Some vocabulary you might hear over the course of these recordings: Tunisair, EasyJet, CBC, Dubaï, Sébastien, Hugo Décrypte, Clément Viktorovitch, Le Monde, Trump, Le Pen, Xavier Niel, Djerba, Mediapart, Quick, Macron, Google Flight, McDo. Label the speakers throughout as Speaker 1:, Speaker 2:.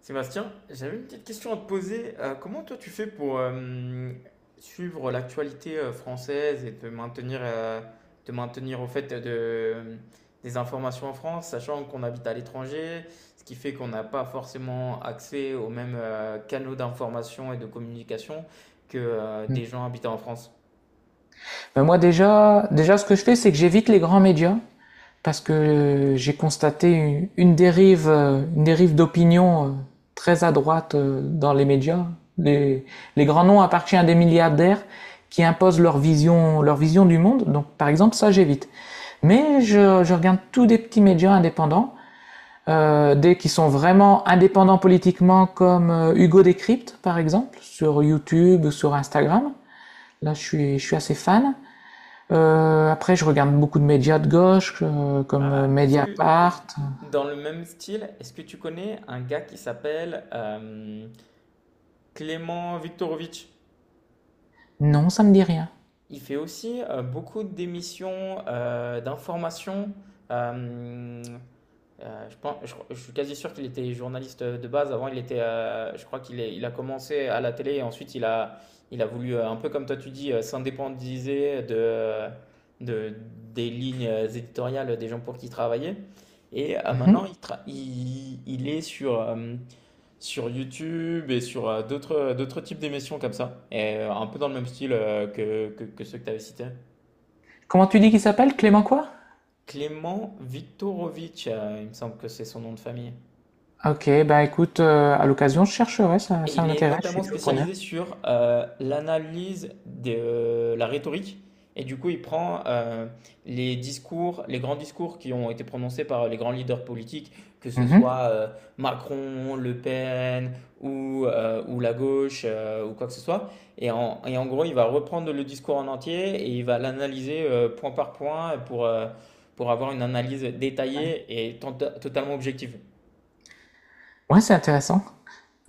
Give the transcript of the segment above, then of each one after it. Speaker 1: Sébastien, j'avais une petite question à te poser. Comment toi tu fais pour suivre l'actualité française et te maintenir au fait de, des informations en France, sachant qu'on habite à l'étranger, ce qui fait qu'on n'a pas forcément accès aux mêmes canaux d'information et de communication que
Speaker 2: Mm.
Speaker 1: des gens habitant en France?
Speaker 2: Ben moi déjà, ce que je fais, c'est que j'évite les grands médias parce que j'ai constaté une dérive d'opinion très à droite dans les médias. Les, les grands noms appartiennent à des milliardaires qui imposent leur vision du monde. Donc par exemple, ça j'évite. Mais je regarde tous des petits médias indépendants, des qui sont vraiment indépendants politiquement, comme Hugo Décrypte par exemple sur YouTube, sur Instagram. Là, je suis assez fan. Après je regarde beaucoup de médias de gauche, comme
Speaker 1: Ah, est-ce que
Speaker 2: Mediapart.
Speaker 1: dans le même style, est-ce que tu connais un gars qui s'appelle Clément Viktorovitch?
Speaker 2: Non, ça me dit rien.
Speaker 1: Il fait aussi beaucoup d'émissions, d'informations. Euh, je pense, je suis quasi sûr qu'il était journaliste de base. Avant, il était, je crois il a commencé à la télé et ensuite il a voulu, un peu comme toi tu dis, s'indépendiser de, des lignes éditoriales des gens pour qui il travaillait. Et maintenant,
Speaker 2: Mmh.
Speaker 1: il est sur, sur YouTube et sur d'autres d'autres types d'émissions comme ça, et un peu dans le même style que ceux que tu avais cités.
Speaker 2: Comment tu dis qu'il s'appelle? Clément quoi?
Speaker 1: Clément Viktorovitch, il me semble que c'est son nom de famille.
Speaker 2: OK, écoute, à l'occasion je chercherai,
Speaker 1: Et
Speaker 2: ça
Speaker 1: il est
Speaker 2: m'intéresse, je suis
Speaker 1: notamment
Speaker 2: toujours preneur.
Speaker 1: spécialisé sur l'analyse de la rhétorique. Et du coup, il prend les discours, les grands discours qui ont été prononcés par les grands leaders politiques, que ce
Speaker 2: Mmh.
Speaker 1: soit Macron, Le Pen ou la gauche ou quoi que ce soit. Et en gros, il va reprendre le discours en entier et il va l'analyser point par point pour avoir une analyse
Speaker 2: Ouais.
Speaker 1: détaillée et totalement objective.
Speaker 2: Ouais, c'est intéressant.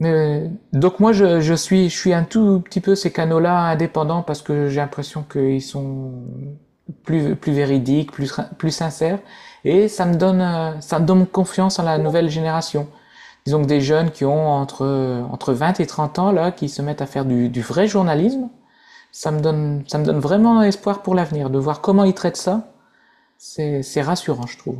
Speaker 2: Mais donc moi je suis un tout petit peu ces canaux-là indépendants parce que j'ai l'impression qu'ils sont plus véridiques, plus sincères et ça me ça me donne confiance en la nouvelle génération. Disons que des jeunes qui ont entre 20 et 30 ans, là, qui se mettent à faire du vrai journalisme, ça me donne vraiment espoir pour l'avenir, de voir comment ils traitent ça. C'est rassurant, je trouve.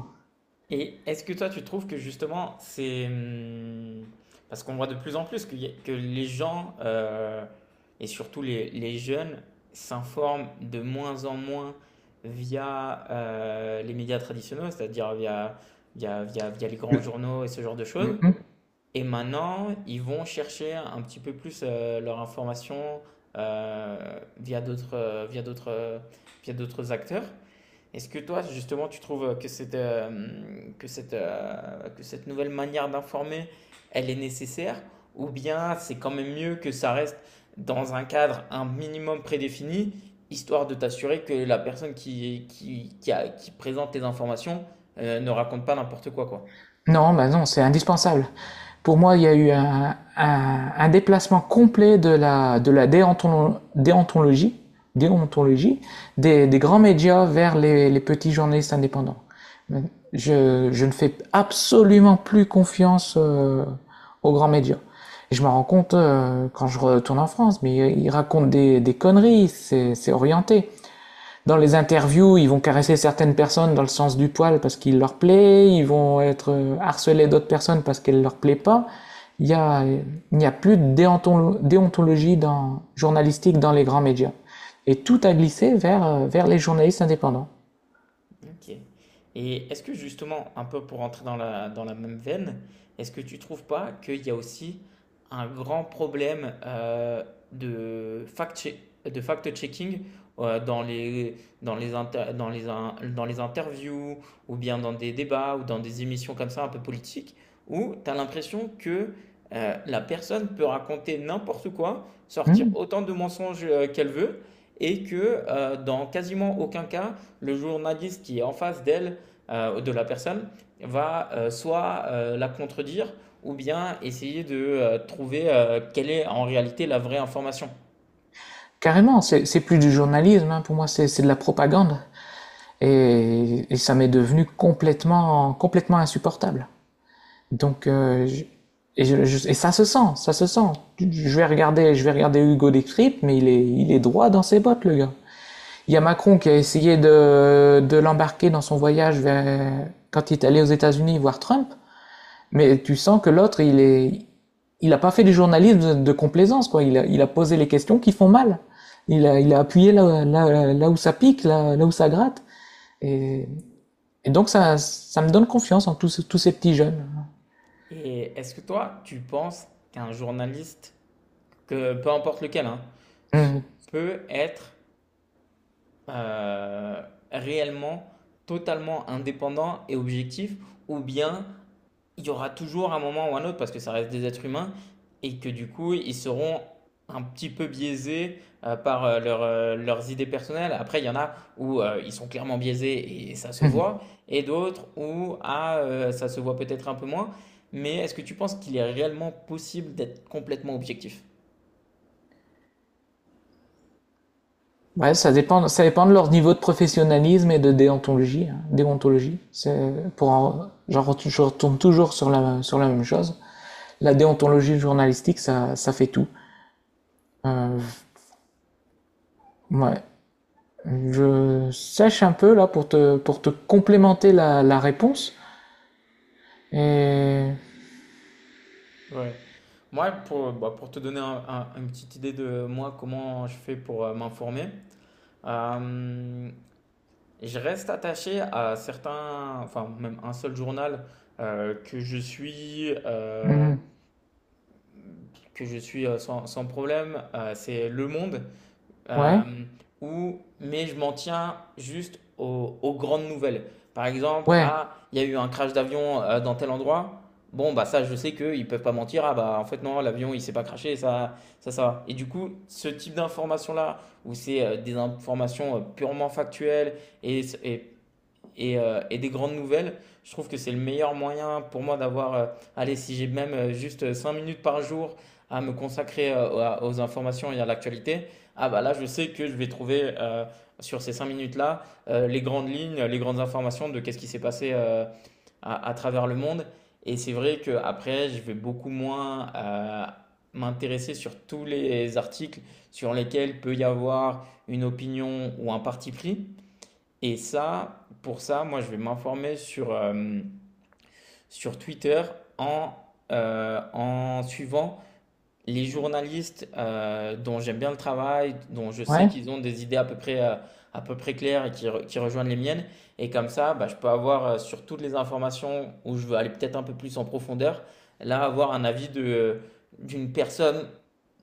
Speaker 1: Et est-ce que toi, tu trouves que justement, c'est... parce qu'on voit de plus en plus que les gens, et surtout les jeunes, s'informent de moins en moins via les médias traditionnels, c'est-à-dire via, via les grands journaux et ce genre de choses.
Speaker 2: Mhm.
Speaker 1: Et maintenant, ils vont chercher un petit peu plus leur information via d'autres, via d'autres, via d'autres acteurs. Est-ce que toi, justement, tu trouves que que cette nouvelle manière d'informer, elle est nécessaire? Ou bien c'est quand même mieux que ça reste dans un cadre un minimum prédéfini, histoire de t'assurer que la personne qui présente les informations, ne raconte pas n'importe quoi, quoi.
Speaker 2: Non, bah non, c'est indispensable. Pour moi, il y a eu un déplacement complet de de la déontologie, déontologie des grands médias vers les petits journalistes indépendants. Je ne fais absolument plus confiance aux grands médias. Et je me rends compte quand je retourne en France, mais ils racontent des conneries, c'est orienté. Dans les interviews, ils vont caresser certaines personnes dans le sens du poil parce qu'il leur plaît, ils vont être harcelés d'autres personnes parce qu'elles ne leur plaît pas. Il n'y a plus de déontologie dans, journalistique dans les grands médias. Et tout a glissé vers les journalistes indépendants.
Speaker 1: OK. Et est-ce que justement, un peu pour entrer dans la même veine, est-ce que tu trouves pas qu'il y a aussi un grand problème de de fact-checking dans les, dans les interviews ou bien dans des débats ou dans des émissions comme ça un peu politiques où tu as l'impression que la personne peut raconter n'importe quoi, sortir
Speaker 2: Hmm.
Speaker 1: autant de mensonges qu'elle veut et que dans quasiment aucun cas, le journaliste qui est en face d'elle, de la personne, va soit la contredire ou bien essayer de trouver quelle est en réalité la vraie information.
Speaker 2: Carrément, c'est plus du journalisme, hein, pour moi c'est de la propagande. Et ça m'est devenu complètement insupportable. Donc, euh, je- et ça se sent, ça se sent. Je vais regarder Hugo Décrypte, mais il est droit dans ses bottes, le gars. Il y a Macron qui a essayé de l'embarquer dans son quand il est allé aux États-Unis voir Trump, mais tu sens que l'autre, il a pas fait du complaisance, quoi. Il a posé les questions qui font mal. Il a appuyé là où ça pique, là, là où ça gratte. Et, et donc, ça me donne confiance en tous ces petits jeunes.
Speaker 1: Et est-ce que toi, tu penses qu'un journaliste, que peu importe lequel, hein,
Speaker 2: Hmm.
Speaker 1: peut être euh, réellement totalement indépendant et objectif, ou bien il y aura toujours un moment ou un autre, parce que ça reste des êtres humains, et que du coup, ils seront un petit peu biaisés par leur, leurs idées personnelles. Après, il y en a où ils sont clairement biaisés et ça se voit, et d'autres où ah, ça se voit peut-être un peu moins. Mais est-ce que tu penses qu'il est réellement possible d'être complètement objectif?
Speaker 2: Ouais, ça dépend de leur niveau de professionnalisme et de déontologie, hein, déontologie. C'est pour en- j'en retourne, Je retourne toujours sur sur la même chose. La déontologie journalistique, ça fait tout. Euh, ouais. Je sèche un peu là pour pour te complémenter la réponse. Et
Speaker 1: Ouais. Moi, pour, bah, pour te donner une petite idée de moi, comment je fais pour m'informer, euh, je reste attaché à certains, enfin même un seul journal euh, que je suis, euh,
Speaker 2: Mhm.
Speaker 1: que je suis sans problème, c'est Le Monde,
Speaker 2: ouais,
Speaker 1: euh, où, mais je m'en tiens juste aux, aux grandes nouvelles. Par exemple,
Speaker 2: ouais,
Speaker 1: ah, il y a eu un crash d'avion dans tel endroit. Bon, bah ça, je sais qu'ils ne peuvent pas mentir. Ah bah en fait non, l'avion il s'est pas crashé, ça, ça, ça. Va. Et du coup, ce type d'information-là, où c'est des informations purement factuelles et, et et des grandes nouvelles, je trouve que c'est le meilleur moyen pour moi d'avoir, allez, si j'ai même juste 5 minutes par jour à me consacrer aux informations et à l'actualité, ah bah là, je sais que je vais trouver sur ces 5 minutes-là les grandes lignes, les grandes informations de qu'est-ce qui s'est passé à travers le monde. Et c'est vrai qu'après, je vais beaucoup moins m'intéresser sur tous les articles sur lesquels peut y avoir une opinion ou un parti pris. Et ça, pour ça, moi, je vais m'informer sur, sur Twitter en, en suivant les journalistes dont j'aime bien le travail, dont je sais
Speaker 2: ouais.
Speaker 1: qu'ils ont des idées à peu près claires et qui rejoignent les miennes. Et comme ça, bah, je peux avoir sur toutes les informations où je veux aller peut-être un peu plus en profondeur, là, avoir un avis de, d'une personne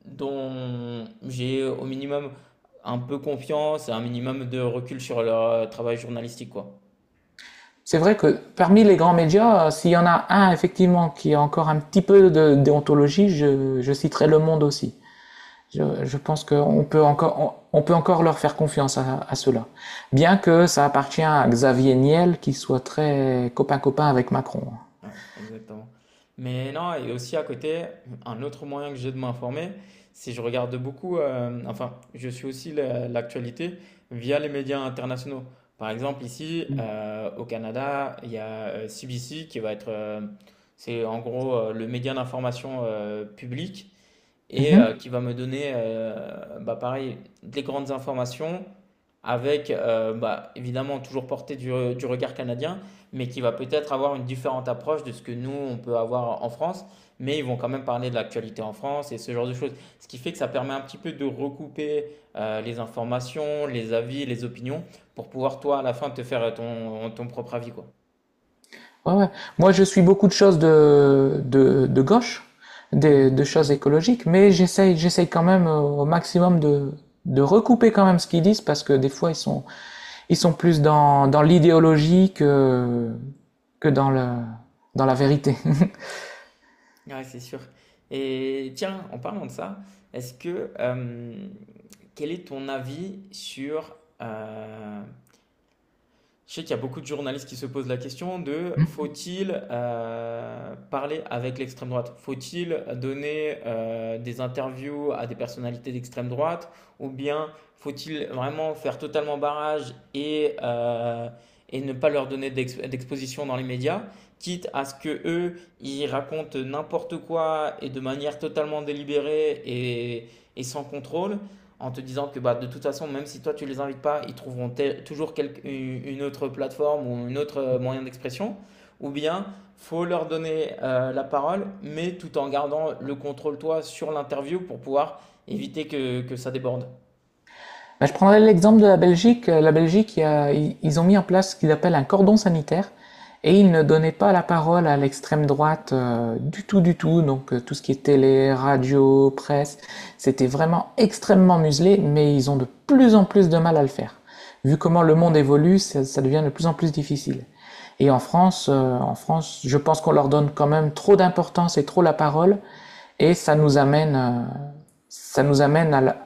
Speaker 1: dont j'ai au minimum un peu confiance et un minimum de recul sur leur travail journalistique, quoi.
Speaker 2: C'est vrai que parmi les grands médias, s'il y en a un effectivement qui a encore un petit peu de déontologie, je citerai Le Monde aussi. Je pense qu'on peut encore, on peut encore leur faire confiance à cela. Bien que ça appartient à Xavier Niel, qui soit très copain-copain avec Macron.
Speaker 1: Ouais, exactement. Mais non, et aussi à côté, un autre moyen que j'ai de m'informer, c'est je regarde beaucoup, enfin, je suis aussi l'actualité via les médias internationaux. Par exemple, ici, au Canada, il y a CBC qui va être, c'est en gros le média d'information public et
Speaker 2: Mhm.
Speaker 1: qui va me donner, bah, pareil, des grandes informations avec, bah, évidemment, toujours portée du regard canadien, mais qui va peut-être avoir une différente approche de ce que nous, on peut avoir en France, mais ils vont quand même parler de l'actualité en France et ce genre de choses. Ce qui fait que ça permet un petit peu de recouper les informations, les avis, les opinions, pour pouvoir, toi, à la fin, te faire ton, ton propre avis, quoi.
Speaker 2: Ouais, ouais. Moi, je suis beaucoup de choses de gauche,
Speaker 1: Mhm.
Speaker 2: de choses écologiques, mais j'essaye quand même au maximum de recouper quand même ce qu'ils disent, parce que des fois, ils sont plus dans l'idéologie que dans, dans la vérité.
Speaker 1: Ouais, c'est sûr. Et tiens, en parlant de ça, est-ce que quel est ton avis sur... euh, je sais qu'il y a beaucoup de journalistes qui se posent la question de faut-il parler avec l'extrême droite? Faut-il donner des interviews à des personnalités d'extrême droite? Ou bien faut-il vraiment faire totalement barrage et ne pas leur donner d'exposition dans les médias, quitte à ce que eux, ils racontent n'importe quoi et de manière totalement délibérée et sans contrôle? En te disant que bah, de toute façon, même si toi tu les invites pas, ils trouveront tel- toujours quel- une autre plateforme ou un autre moyen d'expression, ou bien faut leur donner la parole, mais tout en gardant le contrôle toi sur l'interview pour pouvoir éviter que ça déborde.
Speaker 2: Bah, je prendrais l'exemple de la Belgique. La Belgique, ils ont mis en place ce qu'ils appellent un cordon sanitaire et ils ne donnaient pas la parole à l'extrême droite du tout. Donc tout ce qui est télé, radio, presse, c'était vraiment extrêmement muselé, mais ils ont de plus en plus de mal à le faire. Vu comment le monde évolue, ça devient de plus en plus difficile. Et en France, je pense qu'on leur donne quand même trop d'importance et trop la parole, et ça nous ça nous amène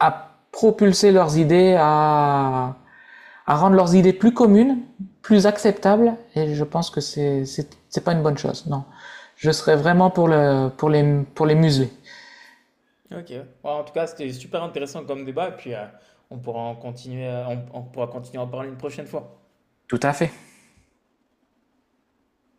Speaker 2: à propulser leurs idées, à rendre leurs idées plus communes, plus acceptables, et je pense que c'est pas une bonne chose, non. Je serais vraiment pour pour les museler.
Speaker 1: Ok. Ouais, en tout cas, c'était super intéressant comme débat, et puis on pourra en continuer, on pourra continuer à en parler une prochaine fois.
Speaker 2: Tout à fait.